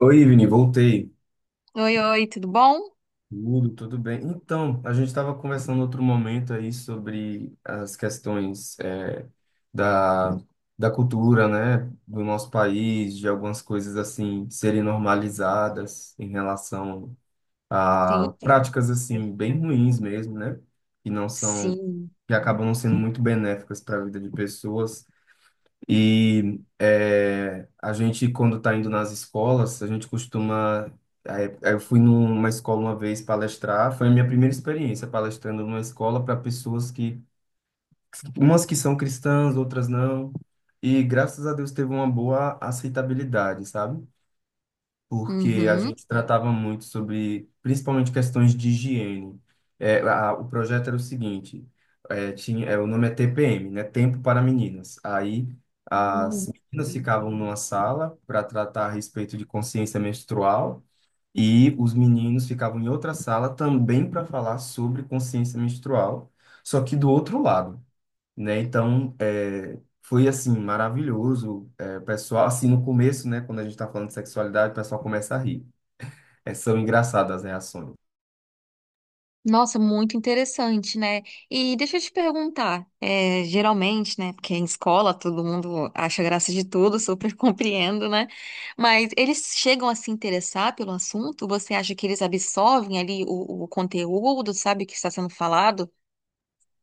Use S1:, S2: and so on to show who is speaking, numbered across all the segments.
S1: Oi, Vini, voltei.
S2: Oi, oi, tudo bom?
S1: Tudo bem. Então, a gente estava conversando outro momento aí sobre as questões da, da cultura, né, do nosso país, de algumas coisas assim serem normalizadas em relação
S2: Sim,
S1: a práticas
S2: eu-
S1: assim bem ruins mesmo, né, que não são,
S2: sim.
S1: que acabam não sendo muito benéficas para a vida de pessoas. A gente, quando está indo nas escolas, a gente costuma. Aí- aí Eu fui numa escola uma vez palestrar, foi a minha primeira experiência palestrando numa escola para pessoas que, umas que são cristãs, outras não, e graças a Deus teve uma boa aceitabilidade, sabe? Porque a
S2: Uhum.
S1: gente tratava muito sobre, principalmente, questões de higiene. O projeto era o seguinte, o nome é TPM, né? Tempo para Meninas. Aí as
S2: Hum.
S1: meninas ficavam numa sala para tratar a respeito de consciência menstrual e os meninos ficavam em outra sala também para falar sobre consciência menstrual, só que do outro lado, né? Então, foi assim, maravilhoso. É, o pessoal, assim, no começo, né, quando a gente tá falando de sexualidade, o pessoal começa a rir. É, são engraçadas as reações.
S2: Nossa, muito interessante, né? E deixa eu te perguntar, é, geralmente, né? Porque em escola todo mundo acha graça de tudo, super compreendo, né? Mas eles chegam a se interessar pelo assunto? Você acha que eles absorvem ali o conteúdo, sabe, o que está sendo falado?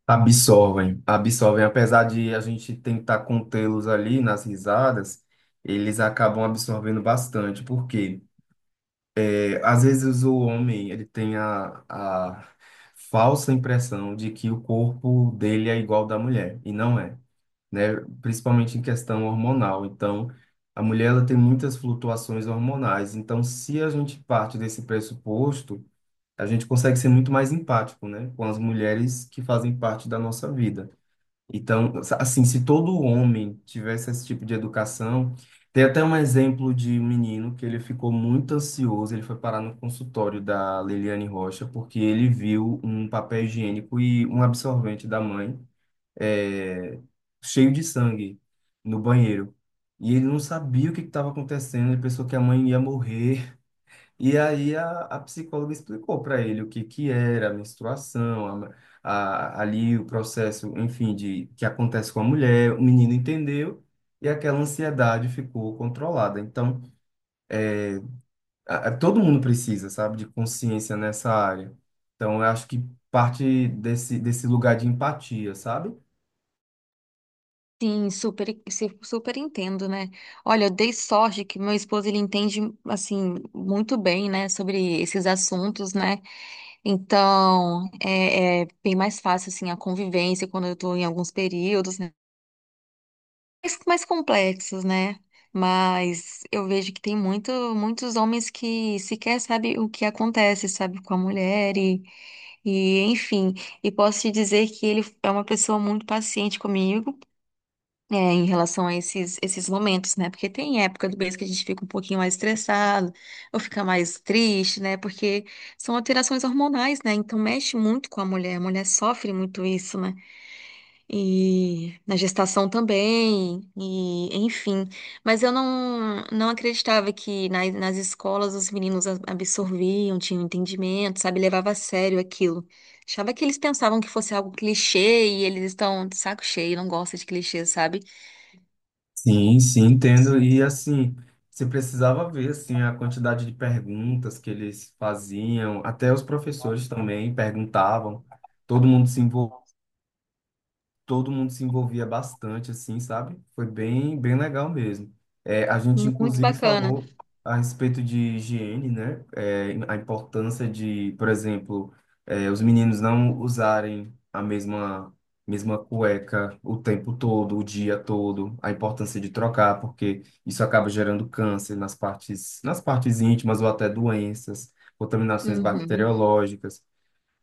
S1: Absorvem, absorvem. Apesar de a gente tentar contê-los ali nas risadas, eles acabam absorvendo bastante, porque às vezes o homem, ele tem a falsa impressão de que o corpo dele é igual ao da mulher, e não é, né? Principalmente em questão hormonal. Então, a mulher ela tem muitas flutuações hormonais. Então, se a gente parte desse pressuposto, a gente consegue ser muito mais empático, né? Com as mulheres que fazem parte da nossa vida. Então, assim, se todo homem tivesse esse tipo de educação, tem até um exemplo de um menino que ele ficou muito ansioso, ele foi parar no consultório da Liliane Rocha porque ele viu um papel higiênico e um absorvente da mãe, é, cheio de sangue no banheiro. E ele não sabia o que estava acontecendo, ele pensou que a mãe ia morrer. E aí a psicóloga explicou para ele o que, que era a menstruação, ali o processo, enfim, de que acontece com a mulher. O menino entendeu e aquela ansiedade ficou controlada. Então, todo mundo precisa, sabe, de consciência nessa área. Então, eu acho que parte desse lugar de empatia, sabe?
S2: Sim, super, super entendo, né? Olha, eu dei sorte que meu esposo ele entende assim muito bem, né, sobre esses assuntos, né? Então é, é bem mais fácil assim a convivência quando eu estou em alguns períodos, né? Mais complexos, né? Mas eu vejo que tem muito, muitos homens que sequer sabem o que acontece, sabe, com a mulher e enfim. E posso te dizer que ele é uma pessoa muito paciente comigo. É, em relação a esses momentos, né? Porque tem época do mês que a gente fica um pouquinho mais estressado, ou fica mais triste, né? Porque são alterações hormonais, né? Então mexe muito com a mulher. A mulher sofre muito isso, né? E na gestação também, e enfim. Mas eu não acreditava que nas escolas os meninos absorviam, tinham entendimento, sabe? Levava a sério aquilo. Achava que eles pensavam que fosse algo clichê e eles estão de saco cheio, não gostam de clichês, sabe?
S1: Sim, sim, entendo. E assim, você precisava ver assim a quantidade de perguntas que eles faziam, até os professores também perguntavam. Todo mundo se Todo mundo se envolvia bastante, assim, sabe? Foi bem legal mesmo. É, a gente,
S2: Muito
S1: inclusive,
S2: bacana.
S1: falou a respeito de higiene, né? É, a importância de, por exemplo, os meninos não usarem a mesma cueca o tempo todo, o dia todo, a importância de trocar, porque isso acaba gerando câncer nas partes íntimas ou até doenças, contaminações
S2: Uhum,
S1: bacteriológicas.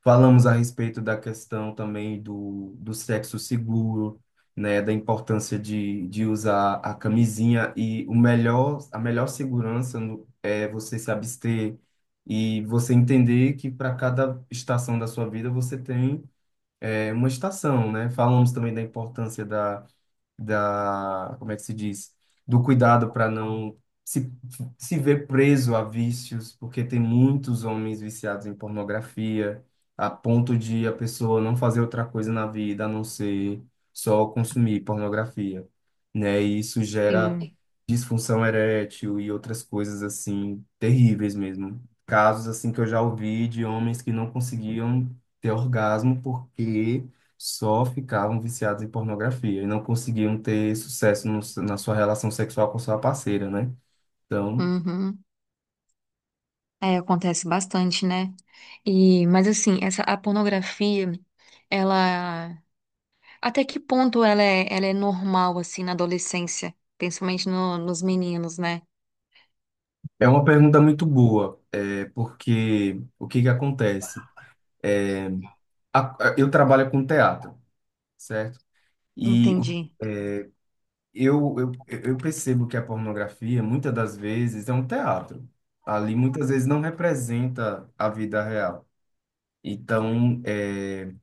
S1: Falamos a respeito da questão também do sexo seguro, né, da importância de usar a camisinha e o melhor, a melhor segurança é você se abster e você entender que para cada estação da sua vida você tem uma estação, né? Falamos também da importância da, como é que se diz? Do cuidado para não se, se ver preso a vícios, porque tem muitos homens viciados em pornografia, a ponto de a pessoa não fazer outra coisa na vida a não ser só consumir pornografia, né? E isso gera
S2: sim.
S1: disfunção erétil e outras coisas assim terríveis mesmo. Casos assim que eu já ouvi de homens que não conseguiam ter orgasmo porque só ficavam viciados em pornografia e não conseguiam ter sucesso na sua relação sexual com sua parceira, né? Então,
S2: Uhum. É, acontece bastante, né? E, mas assim, essa a pornografia, ela até que ponto ela é normal assim na adolescência, principalmente nos meninos, né?
S1: é uma pergunta muito boa, porque o que que acontece? É, eu trabalho com teatro, certo? E o-
S2: Entendi.
S1: eu, eu percebo que a pornografia, muitas das vezes, é um teatro. Ali, muitas vezes, não representa a vida real. Então, é,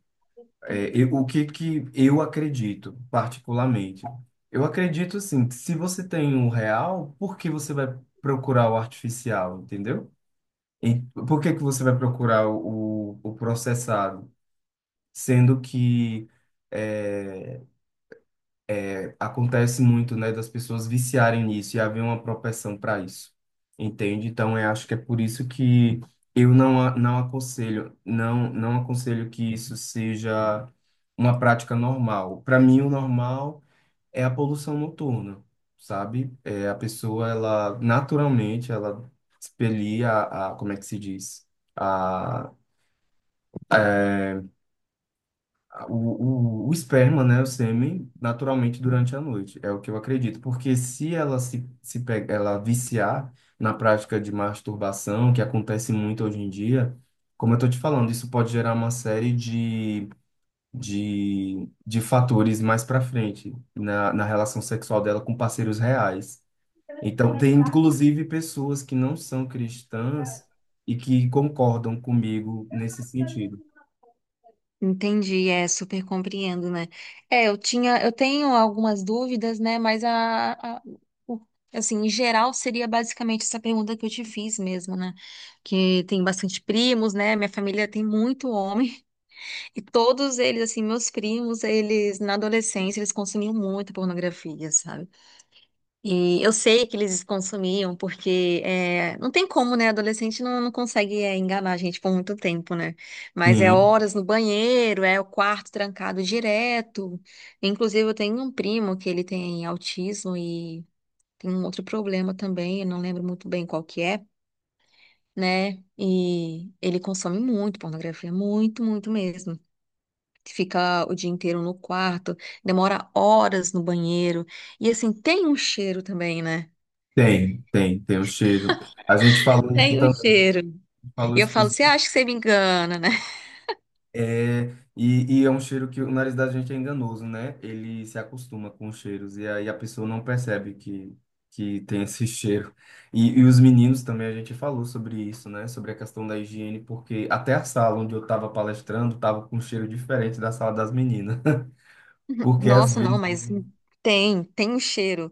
S1: É, eu- o que que eu acredito, particularmente? Eu acredito, assim, que se você tem o real, por que você vai procurar o artificial, entendeu? E por que que você vai procurar o processado? Sendo que é, acontece muito, né, das pessoas viciarem nisso e haver uma propensão para isso, entende? Então, eu acho que é por isso que eu não, a- não aconselho, não aconselho que isso seja uma prática normal. Para mim, o normal é a poluição noturna, sabe? É a pessoa, ela naturalmente, ela expelia como é que se diz? O esperma, né, o sêmen, naturalmente durante a noite. É o que eu acredito. Porque se ela se, se pega, ela viciar na prática de masturbação, que acontece muito hoje em dia, como eu tô te falando, isso pode gerar uma série de fatores mais para frente na relação sexual dela com parceiros reais. Então, tem inclusive pessoas que não são cristãs e que concordam comigo nesse sentido.
S2: Entendi, é, super compreendo, né? É, eu tinha, eu tenho algumas dúvidas, né? O- assim, em geral seria basicamente essa pergunta que eu te fiz mesmo, né? Que tem bastante primos, né? Minha família tem muito homem e todos eles, assim, meus primos, eles na adolescência eles consumiam muita pornografia, sabe? E eu sei que eles consumiam, porque é, não tem como, né? Adolescente não consegue é, enganar a gente por muito tempo, né? Mas é
S1: Sim.
S2: horas no banheiro, é o quarto trancado direto. Inclusive, eu tenho um primo que ele tem autismo e tem um outro problema também, eu não lembro muito bem qual que é, né? E ele consome muito pornografia, muito, muito mesmo. Fica o dia inteiro no quarto, demora horas no banheiro. E assim, tem um cheiro também, né?
S1: Tem, tem, tem o cheiro. A gente falou isso
S2: Tem um
S1: também,
S2: cheiro.
S1: falou
S2: E eu
S1: isso
S2: falo,
S1: pros...
S2: você acha que você me engana, né?
S1: É, é um cheiro que o nariz da gente é enganoso, né? Ele se acostuma com os cheiros e aí a pessoa não percebe que tem esse cheiro. Os meninos também, a gente falou sobre isso, né? Sobre a questão da higiene, porque até a sala onde eu estava palestrando estava com um cheiro diferente da sala das meninas. Porque às
S2: Nossa, não,
S1: vezes
S2: mas tem, tem o cheiro.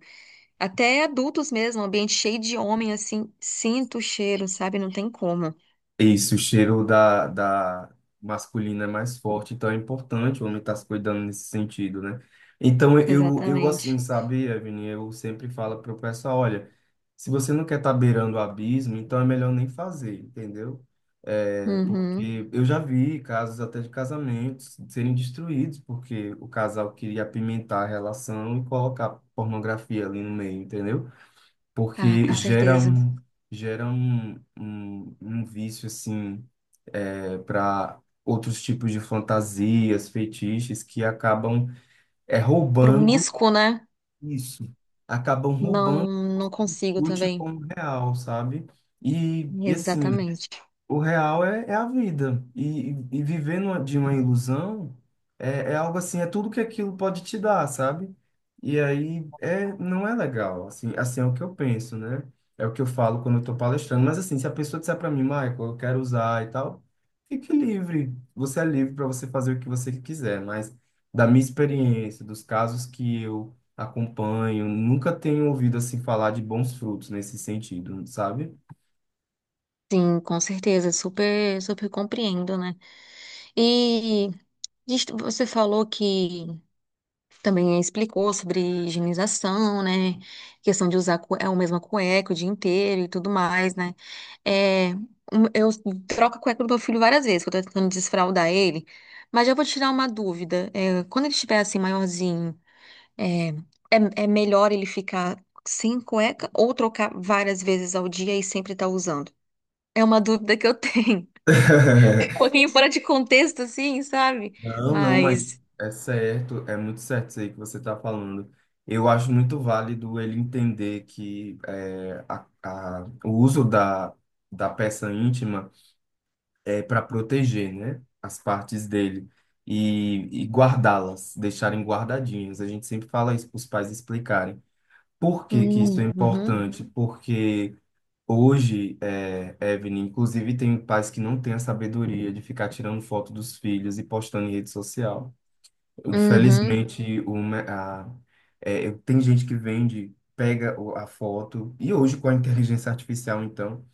S2: Até adultos mesmo, ambiente cheio de homem, assim, sinto o cheiro, sabe? Não tem como.
S1: isso, o cheiro da masculina é mais forte, então é importante o homem estar se cuidando nesse sentido, né? Eu assim,
S2: Exatamente.
S1: sabe, Evelyn, eu sempre falo para o pessoal, olha, se você não quer estar beirando o abismo, então é melhor nem fazer, entendeu? É,
S2: Uhum.
S1: porque eu já vi casos até de casamentos serem destruídos porque o casal queria apimentar a relação e colocar pornografia ali no meio, entendeu?
S2: Ah,
S1: Porque
S2: com
S1: gera
S2: certeza.
S1: um, gera um vício assim para outros tipos de fantasias, feitiços que acabam roubando
S2: Promíscuo, né?
S1: isso, acabam roubando
S2: Não, não consigo
S1: o lute
S2: também.
S1: como real, sabe? E assim,
S2: Exatamente.
S1: o real é a vida. E, e viver de uma ilusão é algo assim, é tudo que aquilo pode te dar, sabe? E aí não é legal. Assim, assim é o que eu penso, né? É o que eu falo quando eu tô palestrando. Mas assim, se a pessoa disser para mim, Michael, eu quero usar e tal, fique livre. Você é livre para você fazer o que você quiser. Mas da minha experiência, dos casos que eu acompanho, nunca tenho ouvido assim falar de bons frutos nesse sentido, sabe?
S2: Sim, com certeza. Super, super compreendo, né? E você falou que também explicou sobre higienização, né? Questão de usar é, a mesma cueca o dia inteiro e tudo mais, né? É, eu troco a cueca do meu filho várias vezes, que eu tô tentando desfraldar ele. Mas já vou tirar uma dúvida. É, quando ele estiver assim, maiorzinho, é, é melhor ele ficar sem cueca ou trocar várias vezes ao dia e sempre estar usando? É uma dúvida que eu tenho. Um pouquinho fora de contexto, assim, sabe?
S1: Não, não, mas
S2: Mas.
S1: é certo, é muito certo isso aí que você está falando. Eu acho muito válido ele entender que o uso da peça íntima é para proteger, né, as partes dele e guardá-las, deixarem guardadinhas. A gente sempre fala isso para os pais explicarem. Por que que isso é
S2: Uhum,
S1: importante? Porque hoje, é, Evelyn, inclusive tem pais que não têm a sabedoria de ficar tirando foto dos filhos e postando em rede social.
S2: uhum,
S1: Infelizmente, uma, a, é, eu- tem gente que vende, pega a foto, e hoje com a inteligência artificial, então,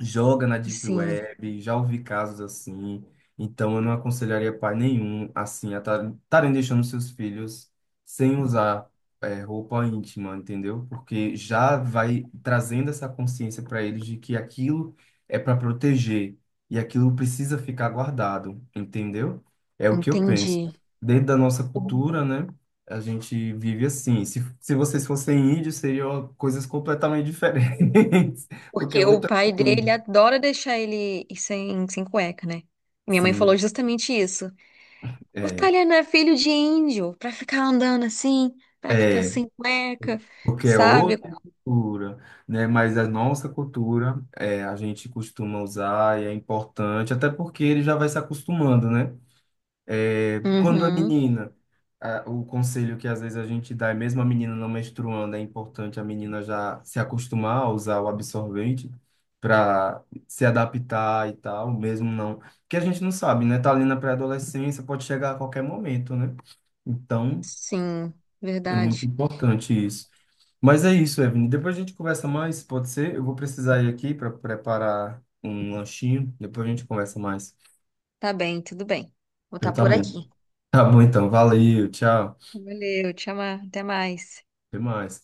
S1: joga na Deep
S2: sim.
S1: Web, já ouvi casos assim. Então, eu não aconselharia pai nenhum, assim, a estarem deixando seus filhos sem usar roupa íntima, entendeu? Porque já vai trazendo essa consciência para eles de que aquilo é para proteger e aquilo precisa ficar guardado, entendeu? É o que eu penso.
S2: Entendi.
S1: Dentro da nossa
S2: O-
S1: cultura, né? A gente vive assim. Se vocês fossem índios, seriam coisas completamente diferentes, porque é
S2: Porque o
S1: outra
S2: pai
S1: cultura.
S2: dele adora deixar ele ir sem, sem cueca, né? Minha mãe falou
S1: Sim,
S2: justamente isso. O
S1: é,
S2: Taliano é filho de índio, pra ficar andando assim, pra ficar
S1: é,
S2: sem cueca,
S1: porque é
S2: sabe?
S1: outra cultura, né? Mas a nossa cultura, é, a gente costuma usar e é importante, até porque ele já vai se acostumando, né? É, quando a
S2: Uhum,
S1: menina, o conselho que às vezes a gente dá, é mesmo a menina não menstruando, é importante a menina já se acostumar a usar o absorvente para se adaptar e tal, mesmo não, porque a gente não sabe, né? Tá ali na pré-adolescência, pode chegar a qualquer momento, né? Então
S2: sim,
S1: é muito
S2: verdade.
S1: importante isso. Mas é isso, Evelyn. Depois a gente conversa mais, pode ser? Eu vou precisar ir aqui para preparar um lanchinho. Depois a gente conversa mais.
S2: Tá bem, tudo bem. Vou
S1: Então
S2: estar
S1: tá
S2: por
S1: bom.
S2: aqui.
S1: Tá bom então. Valeu, tchau.
S2: Valeu, te amar, até mais.
S1: Até mais.